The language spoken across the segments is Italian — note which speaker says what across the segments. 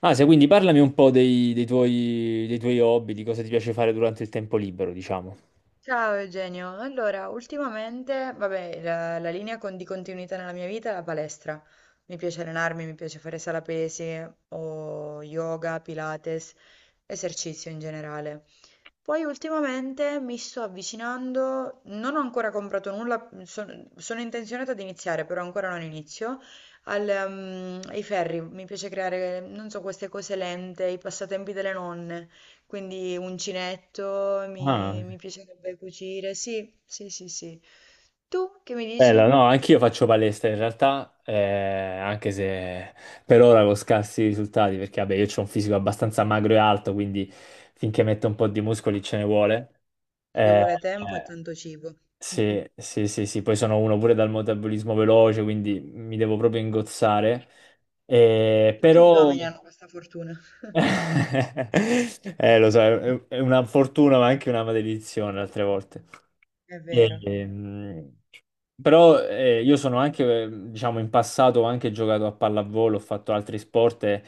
Speaker 1: Ah, se quindi parlami un po' dei tuoi hobby, di cosa ti piace fare durante il tempo libero, diciamo.
Speaker 2: Ciao Eugenio, allora ultimamente, vabbè, la linea di continuità nella mia vita è la palestra. Mi piace allenarmi, mi piace fare sala pesi o yoga, pilates, esercizio in generale. Poi ultimamente mi sto avvicinando, non ho ancora comprato nulla, sono intenzionata ad iniziare, però ancora non inizio, ai ferri. Mi piace creare, non so, queste cose lente, i passatempi delle nonne. Quindi uncinetto, mi,
Speaker 1: Ah,
Speaker 2: mi piacerebbe cucire. Sì, sì, sì, sì. Tu che mi dici?
Speaker 1: bello, no, anch'io faccio palestra in realtà, anche se per ora con scarsi risultati, perché vabbè, io ho un fisico abbastanza magro e alto, quindi finché metto un po' di muscoli ce ne vuole.
Speaker 2: Ci
Speaker 1: Eh,
Speaker 2: vuole tempo e
Speaker 1: eh,
Speaker 2: tanto cibo.
Speaker 1: sì, sì, sì, sì, poi sono uno pure dal metabolismo veloce, quindi mi devo proprio ingozzare.
Speaker 2: Tutti gli
Speaker 1: Però
Speaker 2: uomini hanno questa fortuna.
Speaker 1: Lo so, è una fortuna ma anche una maledizione altre volte.
Speaker 2: È vero.
Speaker 1: E, mm, però io sono anche, diciamo, in passato ho anche giocato a pallavolo, ho fatto altri sport, e,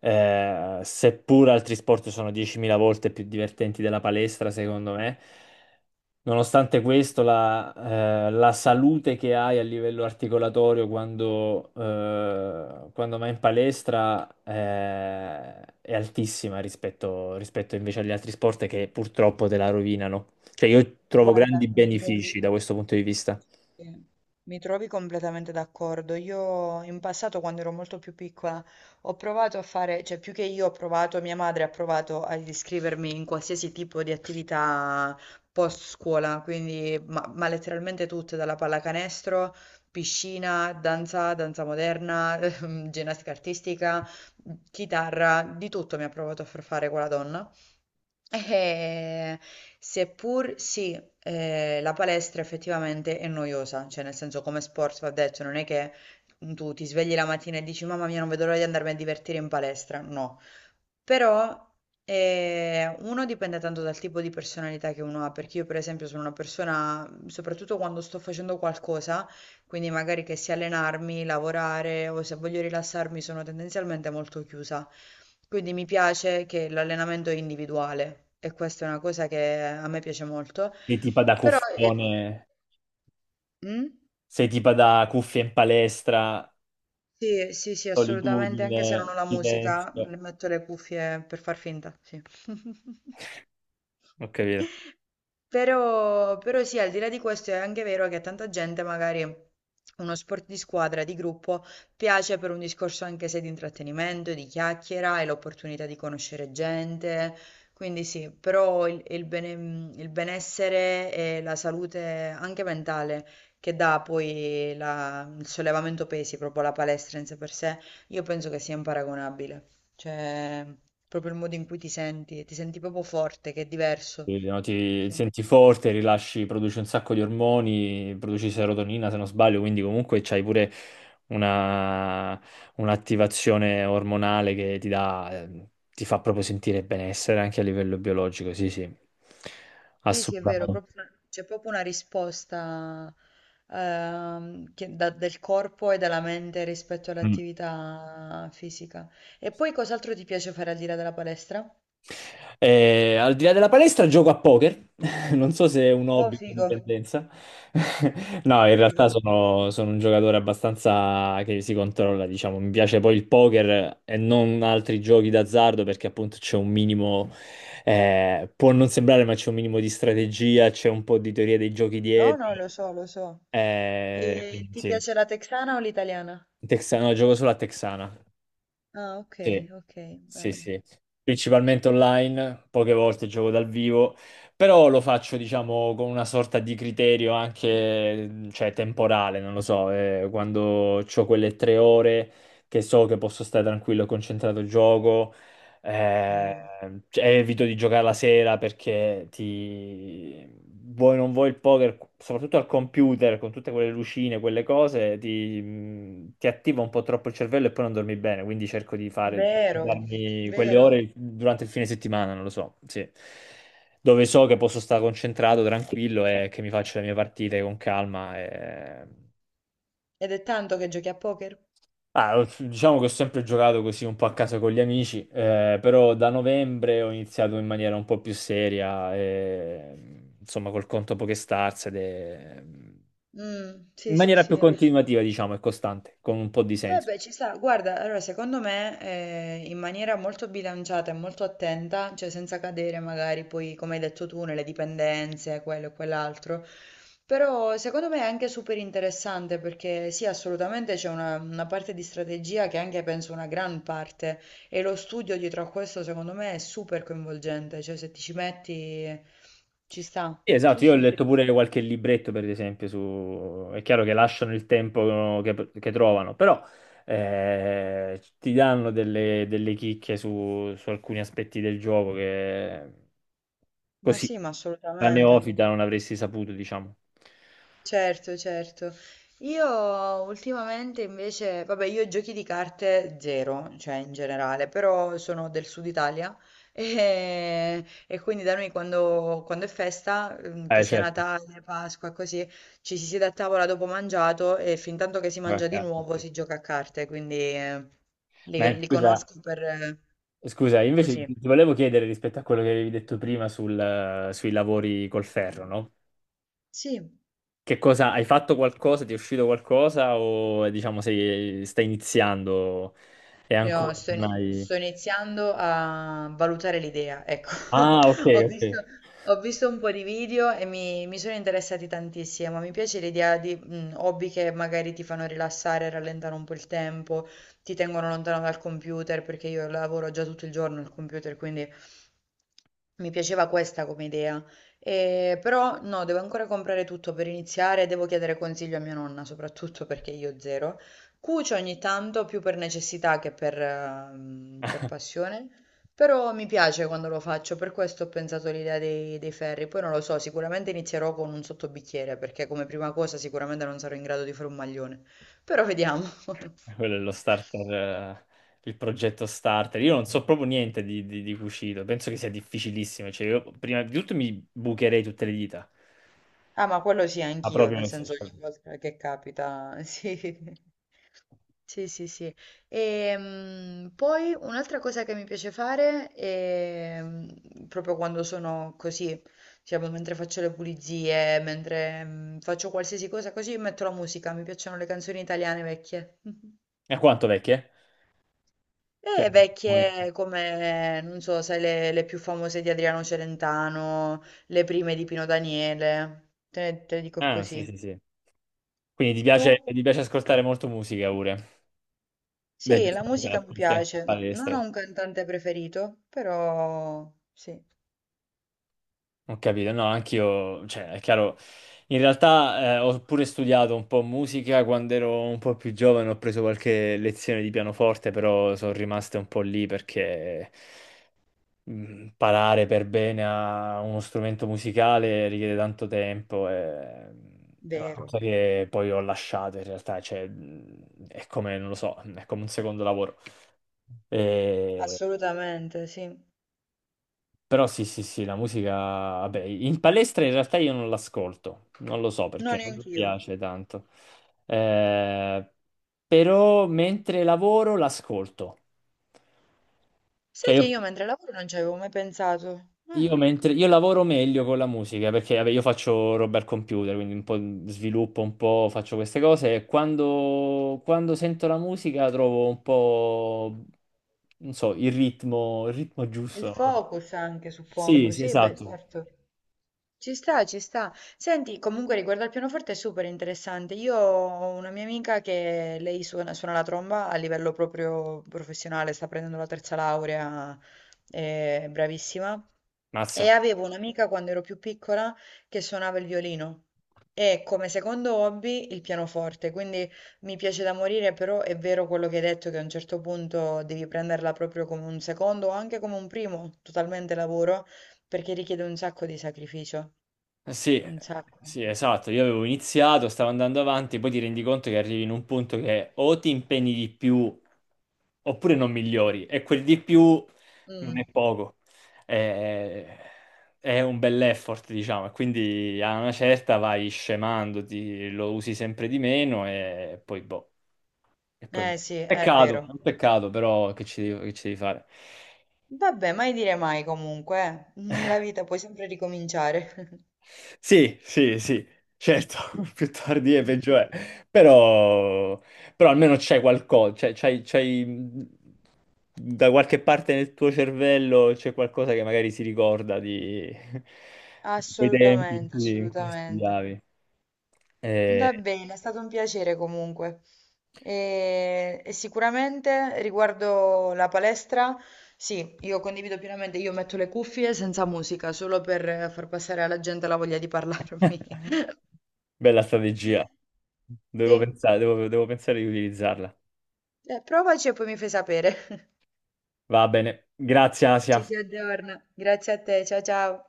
Speaker 1: eh, seppur altri sport sono 10.000 volte più divertenti della palestra, secondo me. Nonostante questo, la salute che hai a livello articolatorio quando vai in palestra, è altissima rispetto invece agli altri sport che purtroppo te la rovinano. Cioè, io trovo grandi
Speaker 2: Guarda, mi trovi.
Speaker 1: benefici da questo punto di vista.
Speaker 2: Sì, mi trovi completamente d'accordo. Io in passato, quando ero molto più piccola, ho provato a fare, cioè più che io ho provato, mia madre ha provato ad iscrivermi in qualsiasi tipo di attività post scuola, quindi ma letteralmente tutte, dalla pallacanestro, piscina, danza, danza moderna, ginnastica artistica, chitarra, di tutto mi ha provato a far fare quella donna. Eh, seppur sì, la palestra effettivamente è noiosa, cioè nel senso come sport va detto, non è che tu ti svegli la mattina e dici mamma mia non vedo l'ora di andarmi a divertire in palestra, no, però uno dipende tanto dal tipo di personalità che uno ha, perché io per esempio sono una persona, soprattutto quando sto facendo qualcosa, quindi magari che sia allenarmi, lavorare o se voglio rilassarmi sono tendenzialmente molto chiusa. Quindi mi piace che l'allenamento è individuale e questa è una cosa che a me piace molto.
Speaker 1: Sei tipo da
Speaker 2: Però
Speaker 1: cuffione,
Speaker 2: mm?
Speaker 1: sei tipo da cuffia in palestra,
Speaker 2: Sì, sì, sì, assolutamente,
Speaker 1: solitudine,
Speaker 2: anche se non ho la musica,
Speaker 1: silenzio.
Speaker 2: le metto le cuffie per far finta, sì.
Speaker 1: Ho capito.
Speaker 2: Però, però sì, al di là di questo è anche vero che a tanta gente magari uno sport di squadra, di gruppo, piace per un discorso anche se di intrattenimento, di chiacchiera e l'opportunità di conoscere gente. Quindi sì, però il benessere e la salute anche mentale che dà poi il sollevamento pesi, proprio la palestra in sé per sé, io penso che sia imparagonabile. Cioè, proprio il modo in cui ti senti proprio forte, che è diverso.
Speaker 1: Quindi, no, ti
Speaker 2: Sì,
Speaker 1: senti forte, rilasci, produci un sacco di ormoni, produci serotonina se non sbaglio, quindi comunque c'hai pure una, un'attivazione ormonale che ti dà, ti fa proprio sentire benessere anche a livello biologico, sì, sì,
Speaker 2: sì, sì, è vero,
Speaker 1: assolutamente.
Speaker 2: c'è proprio una risposta del corpo e della mente rispetto all'attività fisica. E poi cos'altro ti piace fare al di là della palestra?
Speaker 1: Al di là della palestra gioco a poker, non so se è un
Speaker 2: Oh,
Speaker 1: hobby o una
Speaker 2: figo,
Speaker 1: dipendenza. No, in
Speaker 2: figo.
Speaker 1: realtà sono un giocatore abbastanza che si controlla, diciamo. Mi piace poi il poker e non altri giochi d'azzardo perché appunto c'è un minimo, può non sembrare, ma c'è un minimo di strategia, c'è un po' di teoria dei giochi
Speaker 2: No, no,
Speaker 1: dietro.
Speaker 2: lo so, lo so. E
Speaker 1: Quindi
Speaker 2: ti
Speaker 1: sì.
Speaker 2: piace la texana o l'italiana?
Speaker 1: Texano, gioco solo a Texana.
Speaker 2: Ah, ok,
Speaker 1: Sì,
Speaker 2: ok,
Speaker 1: sì,
Speaker 2: bello.
Speaker 1: sì. Principalmente online, poche volte gioco dal vivo, però lo faccio, diciamo, con una sorta di criterio anche, cioè, temporale, non lo so, quando ho quelle tre ore che so che posso stare tranquillo e concentrato, gioco, eh,
Speaker 2: Sì.
Speaker 1: cioè, evito di giocare la sera perché ti... vuoi non vuoi il poker, soprattutto al computer, con tutte quelle lucine, quelle cose, ti attiva un po' troppo il cervello e poi non dormi bene, quindi cerco di fare di
Speaker 2: Vero,
Speaker 1: darmi quelle
Speaker 2: vero.
Speaker 1: ore durante il fine settimana, non lo so, sì. Dove so che posso stare concentrato, tranquillo e che mi faccio le mie partite con calma. E-
Speaker 2: Ed è tanto che giochi a poker?
Speaker 1: Diciamo che ho sempre giocato così un po' a casa con gli amici, però da novembre ho iniziato in maniera un po' più seria, insomma col conto PokéStars ed è-
Speaker 2: Mm,
Speaker 1: in
Speaker 2: sì, sì,
Speaker 1: maniera più
Speaker 2: sì.
Speaker 1: continuativa, diciamo, e costante, con un po' di
Speaker 2: Eh
Speaker 1: senso.
Speaker 2: beh, ci sta, guarda, allora secondo me in maniera molto bilanciata e molto attenta, cioè senza cadere magari poi, come hai detto tu, nelle dipendenze, quello e quell'altro, però secondo me è anche super interessante perché sì, assolutamente c'è una parte di strategia che è anche penso una gran parte e lo studio dietro a questo secondo me è super coinvolgente, cioè se ti ci metti ci sta,
Speaker 1: Sì,
Speaker 2: sì
Speaker 1: esatto, io ho letto pure qualche libretto, per esempio, su... è chiaro che lasciano il tempo che trovano, però ti danno delle chicche su alcuni aspetti del gioco che... Così,
Speaker 2: sì, ma
Speaker 1: da
Speaker 2: assolutamente.
Speaker 1: neofita non avresti saputo, diciamo.
Speaker 2: Certo, certo. Io ultimamente invece, vabbè, io giochi di carte zero, cioè in generale, però sono del sud Italia e quindi da noi quando è festa, che sia
Speaker 1: Certo.
Speaker 2: Natale, Pasqua, così, ci si siede a tavola dopo mangiato e fin tanto che si
Speaker 1: Vabbè,
Speaker 2: mangia di
Speaker 1: chiaro,
Speaker 2: nuovo
Speaker 1: sì.
Speaker 2: si gioca a carte, quindi
Speaker 1: Ma
Speaker 2: li
Speaker 1: scusa,
Speaker 2: conosco per
Speaker 1: scusa, io invece
Speaker 2: così.
Speaker 1: ti volevo chiedere rispetto a quello che avevi detto prima sul- sui lavori col ferro, no?
Speaker 2: Sì,
Speaker 1: Che cosa, hai fatto qualcosa, ti è uscito qualcosa o diciamo sei, stai iniziando e
Speaker 2: io
Speaker 1: ancora
Speaker 2: sto,
Speaker 1: non hai...
Speaker 2: sto iniziando a valutare l'idea, ecco.
Speaker 1: Ah, ok,
Speaker 2: Ho
Speaker 1: ok.
Speaker 2: visto, ho visto un po' di video e mi sono interessati tantissimo. Mi piace l'idea di hobby che magari ti fanno rilassare, rallentare un po' il tempo, ti tengono lontano dal computer, perché io lavoro già tutto il giorno al computer, quindi mi piaceva questa come idea. Però no, devo ancora comprare tutto per iniziare, devo chiedere consiglio a mia nonna, soprattutto perché io zero. Cucio ogni tanto più per necessità che per, per passione, però mi piace quando lo faccio, per questo ho pensato all'idea dei ferri. Poi non lo so, sicuramente inizierò con un sottobicchiere, perché come prima cosa sicuramente non sarò in grado di fare un maglione, però vediamo.
Speaker 1: Quello è lo starter, il progetto starter. Io non so proprio niente di cucito, penso che sia difficilissimo. Cioè, io prima di tutto mi bucherei tutte le dita.
Speaker 2: Ah, ma quello sì
Speaker 1: Ah,
Speaker 2: anch'io,
Speaker 1: proprio
Speaker 2: nel
Speaker 1: nei
Speaker 2: senso
Speaker 1: social.
Speaker 2: ogni volta che capita, sì. Sì, sì, sì. Poi un'altra cosa che mi piace fare è proprio quando sono così, diciamo, mentre faccio le pulizie, mentre faccio qualsiasi cosa così, metto la musica. Mi piacciono le canzoni italiane vecchie.
Speaker 1: E quanto vecchie? Cioè,
Speaker 2: E
Speaker 1: noi-
Speaker 2: vecchie come, non so, sai, le più famose di Adriano Celentano, le prime di Pino Daniele. Te ne dico
Speaker 1: ah, sì,
Speaker 2: così.
Speaker 1: sì, sì. Quindi
Speaker 2: Tu?
Speaker 1: ti piace ascoltare molto musica pure. Beh,
Speaker 2: Sì,
Speaker 1: giusto
Speaker 2: la
Speaker 1: perché la
Speaker 2: musica mi
Speaker 1: ascolti anche in
Speaker 2: piace. Non ho
Speaker 1: palestra.
Speaker 2: un cantante preferito, però sì.
Speaker 1: Ho capito, no, anch'io, cioè, è chiaro, in realtà ho pure studiato un po' musica quando ero un po' più giovane, ho preso qualche lezione di pianoforte, però sono rimaste un po' lì perché imparare per bene a uno strumento musicale richiede tanto tempo e è una
Speaker 2: Vero,
Speaker 1: cosa che poi ho lasciato in realtà, cioè è come, non lo so, è come un secondo lavoro. E-
Speaker 2: assolutamente, sì.
Speaker 1: Però sì, sì, sì, la musica, vabbè, in palestra in realtà io non l'ascolto, non lo so perché
Speaker 2: No,
Speaker 1: non mi
Speaker 2: neanch'io.
Speaker 1: piace tanto. Eh, Però mentre lavoro l'ascolto.
Speaker 2: Sai
Speaker 1: Cioè
Speaker 2: che
Speaker 1: io
Speaker 2: io mentre lavoro non ci avevo mai pensato.
Speaker 1: Io, io lavoro meglio con la musica perché vabbè, io faccio roba al computer, quindi un po' sviluppo, un po' faccio queste cose e quando sento la musica trovo un po', non so, il ritmo
Speaker 2: Il
Speaker 1: giusto.
Speaker 2: focus anche,
Speaker 1: Sì,
Speaker 2: suppongo.
Speaker 1: sì,
Speaker 2: Sì, beh,
Speaker 1: esatto.
Speaker 2: certo. Ci sta, ci sta. Senti, comunque riguardo al pianoforte è super interessante. Io ho una mia amica che lei suona, suona la tromba a livello proprio professionale, sta prendendo la terza laurea, è bravissima. E
Speaker 1: Mazza.
Speaker 2: avevo un'amica quando ero più piccola che suonava il violino e come secondo hobby il pianoforte, quindi mi piace da morire, però è vero quello che hai detto che a un certo punto devi prenderla proprio come un secondo o anche come un primo, totalmente lavoro, perché richiede un sacco di sacrificio.
Speaker 1: Sì,
Speaker 2: Un sacco.
Speaker 1: sì, esatto. Io avevo iniziato, stavo andando avanti, poi ti rendi conto che arrivi in un punto che o ti impegni di più oppure non migliori, e quel di più non è
Speaker 2: Mm.
Speaker 1: poco. È, è un bell'effort, diciamo, e quindi a una certa vai scemandoti, lo usi sempre di meno e poi boh, e poi
Speaker 2: Eh
Speaker 1: muori.
Speaker 2: sì, è
Speaker 1: Peccato, è
Speaker 2: vero.
Speaker 1: un peccato, però che ci devi fare?
Speaker 2: Vabbè, mai dire mai comunque, eh. Nella vita puoi sempre ricominciare.
Speaker 1: Sì, sì, sì, certo, più tardi è peggio è, però, però almeno c'è qualcosa, c'hai, da qualche parte nel tuo cervello c'è qualcosa che magari si ricorda di, di quei tempi
Speaker 2: Assolutamente,
Speaker 1: in cui
Speaker 2: assolutamente.
Speaker 1: studiavi. Eh,
Speaker 2: Va bene, è stato un piacere comunque. E sicuramente riguardo la palestra, sì, io condivido pienamente, io metto le cuffie senza musica, solo per far passare alla gente la voglia di parlarmi.
Speaker 1: Bella strategia, devo
Speaker 2: Sì,
Speaker 1: pensare, devo pensare di utilizzarla.
Speaker 2: eh, provaci e poi mi fai sapere.
Speaker 1: Va bene, grazie
Speaker 2: Ci
Speaker 1: Asia.
Speaker 2: si aggiorna. Grazie a te, ciao ciao.